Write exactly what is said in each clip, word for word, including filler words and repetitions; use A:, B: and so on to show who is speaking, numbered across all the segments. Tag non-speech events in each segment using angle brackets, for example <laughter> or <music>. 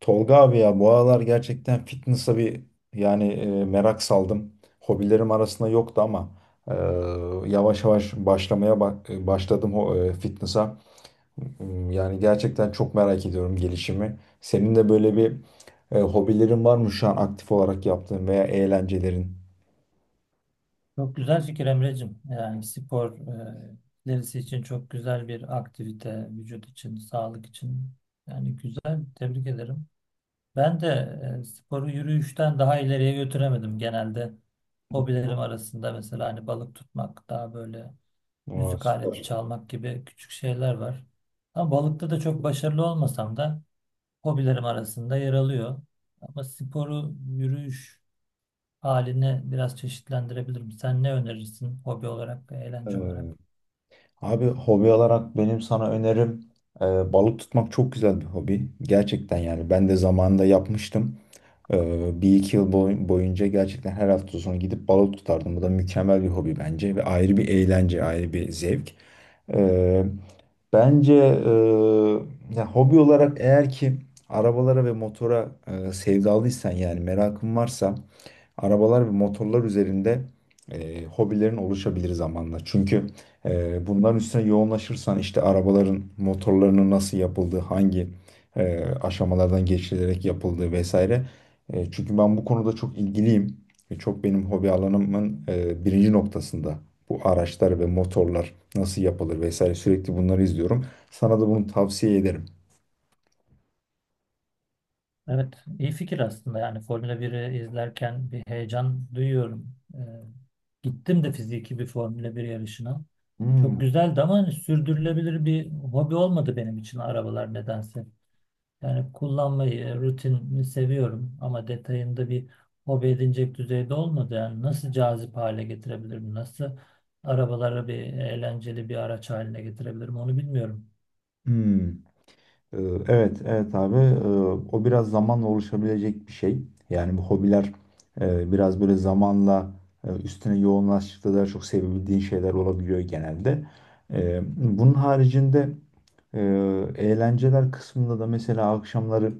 A: Tolga abi ya bu aralar gerçekten fitness'a bir yani e, merak saldım. Hobilerim arasında yoktu ama e, yavaş yavaş başlamaya bak, e, başladım ho- e, fitness'a. M- Yani gerçekten çok merak ediyorum gelişimi. Senin de böyle bir e, hobilerin var mı şu an aktif olarak yaptığın veya eğlencelerin?
B: Çok güzel fikir Emre'cim. Yani spor, e, ilerisi için çok güzel bir aktivite, vücut için, sağlık için. Yani güzel, tebrik ederim. Ben de e, sporu yürüyüşten daha ileriye götüremedim. Genelde hobilerim arasında mesela hani balık tutmak, daha böyle
A: Aa,
B: müzik aleti
A: süper.
B: çalmak gibi küçük şeyler var. Ama balıkta da çok başarılı olmasam da hobilerim arasında yer alıyor. Ama sporu, yürüyüş halini biraz çeşitlendirebilirim. Sen ne önerirsin hobi olarak,
A: Ee,
B: eğlence olarak?
A: Abi hobi olarak benim sana önerim, e, balık tutmak çok güzel bir hobi. Gerçekten yani ben de zamanında yapmıştım. Ee, bir iki yıl boy- boyunca gerçekten her hafta sonu gidip balık tutardım. Bu da mükemmel bir hobi bence ve ayrı bir eğlence, ayrı bir zevk. Ee, bence e, Ya hobi olarak, eğer ki arabalara ve motora e, sevdalıysan, yani merakın varsa arabalar ve motorlar üzerinde e, hobilerin oluşabilir zamanla. Çünkü e, bunların üstüne yoğunlaşırsan işte arabaların motorlarının nasıl yapıldığı, hangi e, aşamalardan geçilerek yapıldığı vesaire. E, çünkü ben bu konuda çok ilgiliyim. E, çok benim hobi alanımın e, birinci noktasında. Bu araçlar ve motorlar nasıl yapılır vesaire, sürekli bunları izliyorum. Sana da bunu tavsiye ederim.
B: Evet, iyi fikir aslında. Yani Formula biri izlerken bir heyecan duyuyorum. Ee, gittim de fiziki bir Formula bir yarışına.
A: Hmm.
B: Çok güzeldi ama hani sürdürülebilir bir hobi olmadı benim için arabalar nedense. Yani kullanmayı, rutinini seviyorum ama detayında bir hobi edinecek düzeyde olmadı. Yani nasıl cazip hale getirebilirim, nasıl arabaları bir eğlenceli bir araç haline getirebilirim onu bilmiyorum.
A: Hmm. Ee, Evet, evet abi. Ee, O biraz zamanla oluşabilecek bir şey. Yani bu hobiler e, biraz böyle zamanla, e, üstüne yoğunlaştıkça daha çok sevebildiğin şeyler olabiliyor genelde. Ee, Bunun haricinde, e, eğlenceler kısmında da mesela akşamları,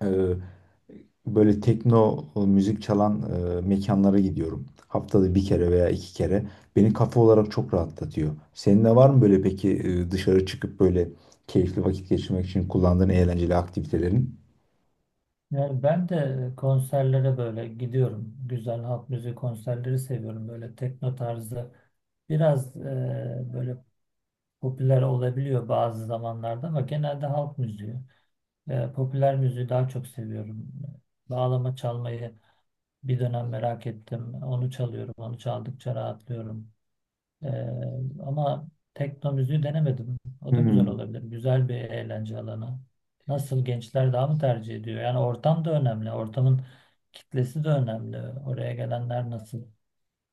A: e, böyle tekno e, müzik çalan e, mekanlara gidiyorum. Haftada bir kere veya iki kere. Beni kafa olarak çok rahatlatıyor. Senin de var mı böyle peki, e, dışarı çıkıp böyle keyifli vakit geçirmek için kullandığın eğlenceli aktivitelerin?
B: Yani ben de konserlere böyle gidiyorum. Güzel halk müziği konserleri seviyorum. Böyle tekno tarzı biraz, e, böyle popüler olabiliyor bazı zamanlarda ama genelde halk müziği. E, popüler müziği daha çok seviyorum. Bağlama çalmayı bir dönem merak ettim. Onu çalıyorum. Onu çaldıkça rahatlıyorum. Ee, ama tekno müziği denemedim. O da güzel
A: Hmm.
B: olabilir. Güzel bir eğlence alanı. Nasıl gençler daha mı tercih ediyor? Yani ortam da önemli. Ortamın kitlesi de önemli. Oraya gelenler nasıl?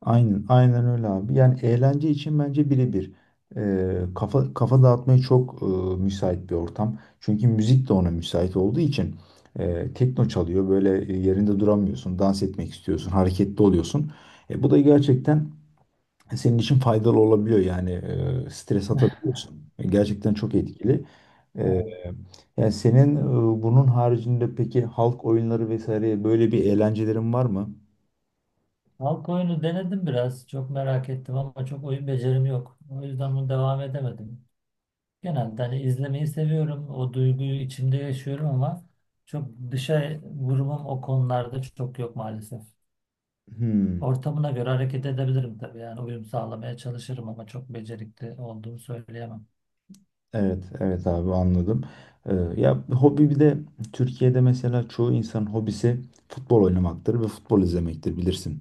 A: Aynen, aynen öyle abi. Yani eğlence için bence birebir. E, kafa kafa dağıtmaya çok e, müsait bir ortam. Çünkü müzik de ona müsait olduğu için e, tekno çalıyor. Böyle e, yerinde duramıyorsun, dans etmek istiyorsun, hareketli oluyorsun. E, bu da gerçekten senin için faydalı olabiliyor, yani e, stres
B: <laughs>
A: atabiliyorsun. Gerçekten çok etkili. E,
B: Evet.
A: Yani senin e, bunun haricinde peki halk oyunları vesaire, böyle bir eğlencelerin var mı?
B: Halk oyunu denedim biraz. Çok merak ettim ama çok oyun becerim yok. O yüzden bunu devam edemedim. Genelde hani izlemeyi seviyorum. O duyguyu içimde yaşıyorum ama çok dışa vurumum o konularda çok yok maalesef.
A: Hmm,
B: Ortamına göre hareket edebilirim tabii. Yani uyum sağlamaya çalışırım ama çok becerikli olduğumu söyleyemem.
A: evet evet abi, anladım. E, Ya hobi bir de Türkiye'de mesela çoğu insanın hobisi futbol oynamaktır ve futbol izlemektir, bilirsin.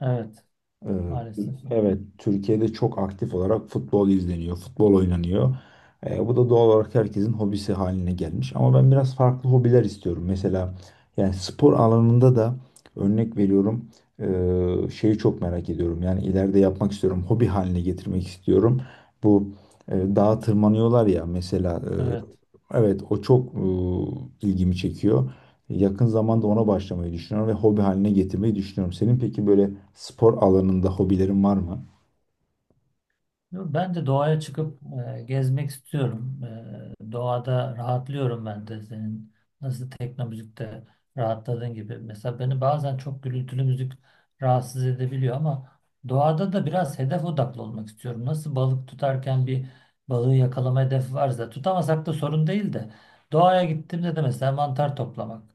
B: Evet,
A: Ee,
B: maalesef.
A: Evet, Türkiye'de çok aktif olarak futbol izleniyor, futbol oynanıyor. Ee, bu da doğal olarak herkesin hobisi haline gelmiş. Ama ben biraz farklı hobiler istiyorum. Mesela yani spor alanında da, örnek veriyorum, ee, şeyi çok merak ediyorum. Yani ileride yapmak istiyorum, hobi haline getirmek istiyorum. Bu e, Dağa tırmanıyorlar ya mesela. e,
B: Evet.
A: Evet, o çok e, ilgimi çekiyor. Yakın zamanda ona başlamayı düşünüyorum ve hobi haline getirmeyi düşünüyorum. Senin peki böyle spor alanında hobilerin var mı?
B: Ben de doğaya çıkıp e, gezmek istiyorum. E, doğada rahatlıyorum ben de senin nasıl tekno müzikte rahatladığın gibi. Mesela beni bazen çok gürültülü müzik rahatsız edebiliyor ama doğada da biraz hedef odaklı olmak istiyorum. Nasıl balık tutarken bir balığı yakalama hedefi varsa tutamasak da sorun değil de doğaya gittiğimde de mesela mantar toplamak.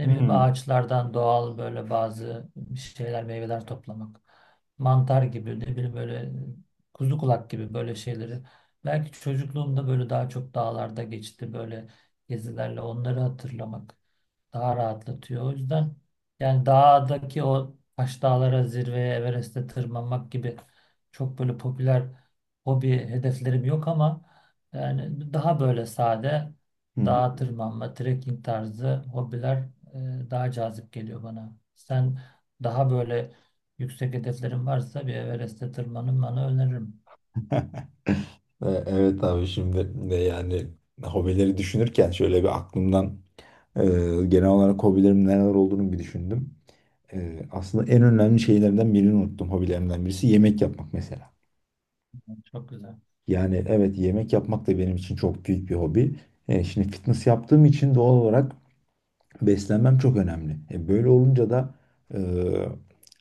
B: Ne bileyim
A: Hmm.
B: ağaçlardan doğal böyle bazı şeyler meyveler toplamak mantar gibi ne bileyim böyle kuzu kulak gibi böyle şeyleri. Belki çocukluğumda böyle daha çok dağlarda geçti böyle gezilerle onları hatırlamak daha rahatlatıyor. O yüzden yani dağdaki o taş dağlara zirveye Everest'e tırmanmak gibi çok böyle popüler hobi hedeflerim yok ama yani daha böyle sade
A: Hı hı.
B: dağa tırmanma, trekking tarzı hobiler e, daha cazip geliyor bana. Sen daha böyle yüksek hedeflerin varsa bir Everest'e tırmanın bana öneririm.
A: E, Evet abi, şimdi de yani hobileri düşünürken şöyle bir aklımdan, e, genel olarak hobilerimin neler olduğunu bir düşündüm. E, aslında en önemli şeylerden birini unuttum, hobilerimden birisi yemek yapmak mesela.
B: Çok güzel.
A: Yani evet, yemek yapmak da benim için çok büyük bir hobi. E, şimdi fitness yaptığım için doğal olarak beslenmem çok önemli. E, böyle olunca da, e,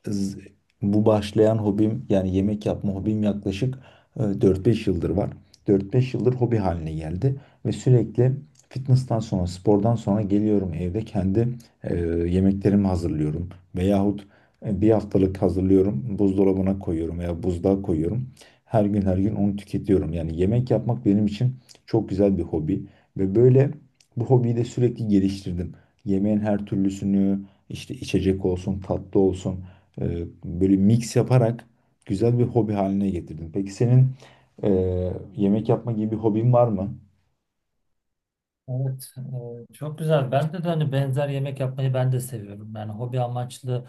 A: z- bu başlayan hobim, yani yemek yapma hobim yaklaşık e, dört beş yıldır var. Dört beş yıldır hobi haline geldi ve sürekli fitness'tan sonra, spordan sonra geliyorum evde kendi e, yemeklerimi hazırlıyorum, veyahut e, bir haftalık hazırlıyorum, buzdolabına koyuyorum veya buzluğa koyuyorum. Her gün her gün onu tüketiyorum. Yani yemek yapmak benim için çok güzel bir hobi ve böyle bu hobiyi de sürekli geliştirdim. Yemeğin her türlüsünü, işte içecek olsun, tatlı olsun, e, böyle mix yaparak güzel bir hobi haline getirdim. Peki senin e, yemek yapma gibi bir hobin var mı?
B: Evet, e, çok güzel. Ben de, de hani benzer yemek yapmayı ben de seviyorum. Yani hobi amaçlı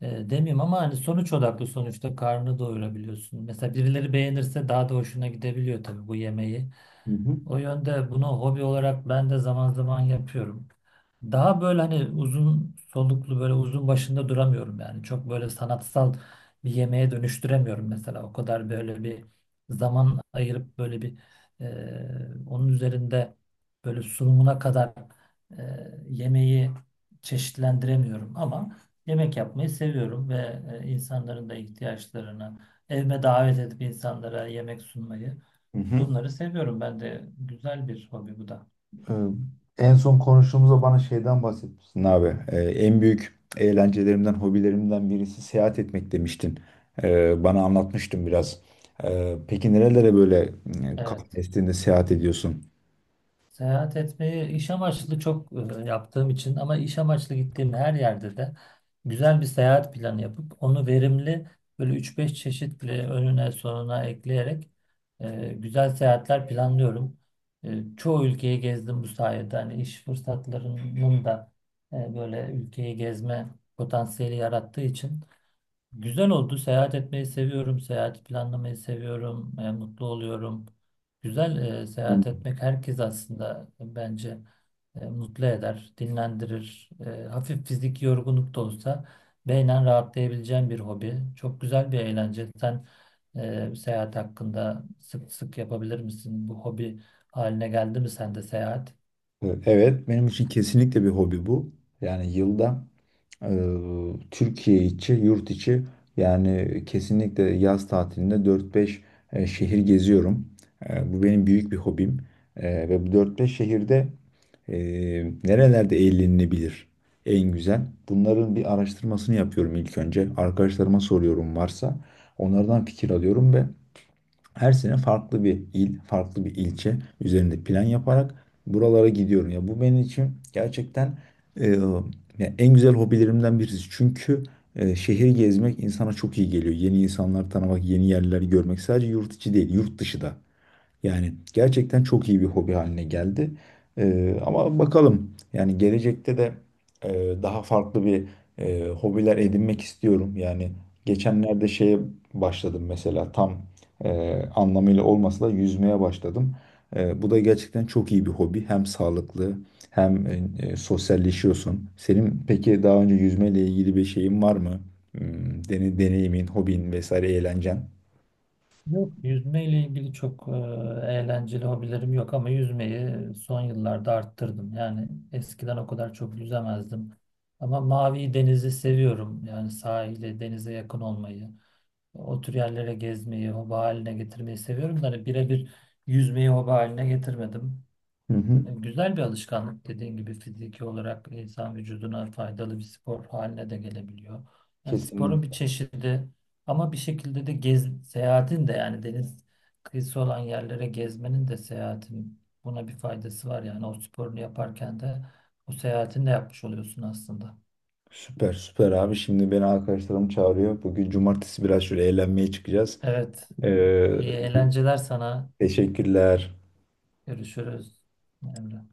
B: e, demeyeyim ama hani sonuç odaklı sonuçta karnını doyurabiliyorsun. Mesela birileri beğenirse daha da hoşuna gidebiliyor tabii bu yemeği.
A: Hı hı.
B: O yönde bunu hobi olarak ben de zaman zaman yapıyorum. Daha böyle hani uzun soluklu böyle uzun başında duramıyorum yani. Çok böyle sanatsal bir yemeğe dönüştüremiyorum mesela. O kadar böyle bir zaman ayırıp böyle bir e, onun üzerinde böyle sunumuna kadar e, yemeği çeşitlendiremiyorum ama yemek yapmayı seviyorum ve e, insanların da ihtiyaçlarını evime davet edip insanlara yemek sunmayı
A: Hı hı.
B: bunları seviyorum ben de. Güzel bir hobi bu da.
A: E, en son konuştuğumuzda bana şeyden bahsetmiştin abi. E, en büyük eğlencelerimden, hobilerimden birisi seyahat etmek demiştin. E, bana anlatmıştın biraz. E, peki nerelere böyle e, kafa
B: Evet.
A: estiğinde seyahat ediyorsun?
B: Seyahat etmeyi iş amaçlı çok e, yaptığım için ama iş amaçlı gittiğim her yerde de güzel bir seyahat planı yapıp onu verimli böyle üç beş çeşit bile önüne sonuna ekleyerek e, güzel seyahatler planlıyorum. E, çoğu ülkeyi gezdim bu sayede. Hani iş fırsatlarının da e, böyle ülkeyi gezme potansiyeli yarattığı için güzel oldu. Seyahat etmeyi seviyorum. Seyahat planlamayı seviyorum. E, mutlu oluyorum. Güzel. E, seyahat etmek herkes aslında bence e, mutlu eder, dinlendirir. E, hafif fiziki yorgunluk da olsa beynen rahatlayabileceğin bir hobi. Çok güzel bir eğlence. Sen e, seyahat hakkında sık sık yapabilir misin? Bu hobi haline geldi mi sende seyahat?
A: Ee, Evet, benim için kesinlikle bir hobi bu. Yani yılda, e, Türkiye içi, yurt içi, yani kesinlikle yaz tatilinde dört beş e, şehir geziyorum. E, bu benim büyük bir hobim. E, ve bu dört beş şehirde e, nerelerde eğlenilebilir en güzel? Bunların bir araştırmasını yapıyorum ilk önce. Arkadaşlarıma soruyorum, varsa onlardan fikir alıyorum ve her sene farklı bir il, farklı bir ilçe üzerinde plan yaparak buralara gidiyorum. Ya bu benim için gerçekten, e, ya en güzel hobilerimden birisi. Çünkü e, şehir gezmek insana çok iyi geliyor. Yeni insanlar tanımak, yeni yerleri görmek, sadece yurt içi değil, yurt dışı da. Yani gerçekten çok iyi bir hobi haline geldi. Ee, ama bakalım, yani gelecekte de e, daha farklı bir e, hobiler edinmek istiyorum. Yani geçenlerde şeye başladım mesela, tam e, anlamıyla olmasa da yüzmeye başladım. E, bu da gerçekten çok iyi bir hobi. Hem sağlıklı hem e, e, sosyalleşiyorsun. Senin peki daha önce yüzmeyle ilgili bir şeyin var mı? Hmm, Deni, deneyimin, hobin vesaire, eğlencen?
B: Yok, yüzmeyle ilgili çok e, eğlenceli hobilerim yok ama yüzmeyi son yıllarda arttırdım. Yani eskiden o kadar çok yüzemezdim. Ama mavi denizi seviyorum. Yani sahile, denize yakın olmayı, o tür yerlere gezmeyi, hobi haline getirmeyi seviyorum. Da hani birebir yüzmeyi hobi haline getirmedim.
A: Hı hı.
B: Güzel bir alışkanlık dediğin gibi fiziki olarak insan vücuduna faydalı bir spor haline de gelebiliyor. Yani sporun bir
A: Kesinlikle.
B: çeşidi ama bir şekilde de gez, seyahatin de yani deniz kıyısı olan yerlere gezmenin de seyahatin buna bir faydası var. Yani o sporunu yaparken de o seyahatini de yapmış oluyorsun aslında.
A: Süper süper abi. Şimdi beni arkadaşlarım çağırıyor. Bugün cumartesi biraz şöyle eğlenmeye çıkacağız.
B: Evet,
A: Ee,
B: iyi eğlenceler sana.
A: teşekkürler.
B: Görüşürüz Emre.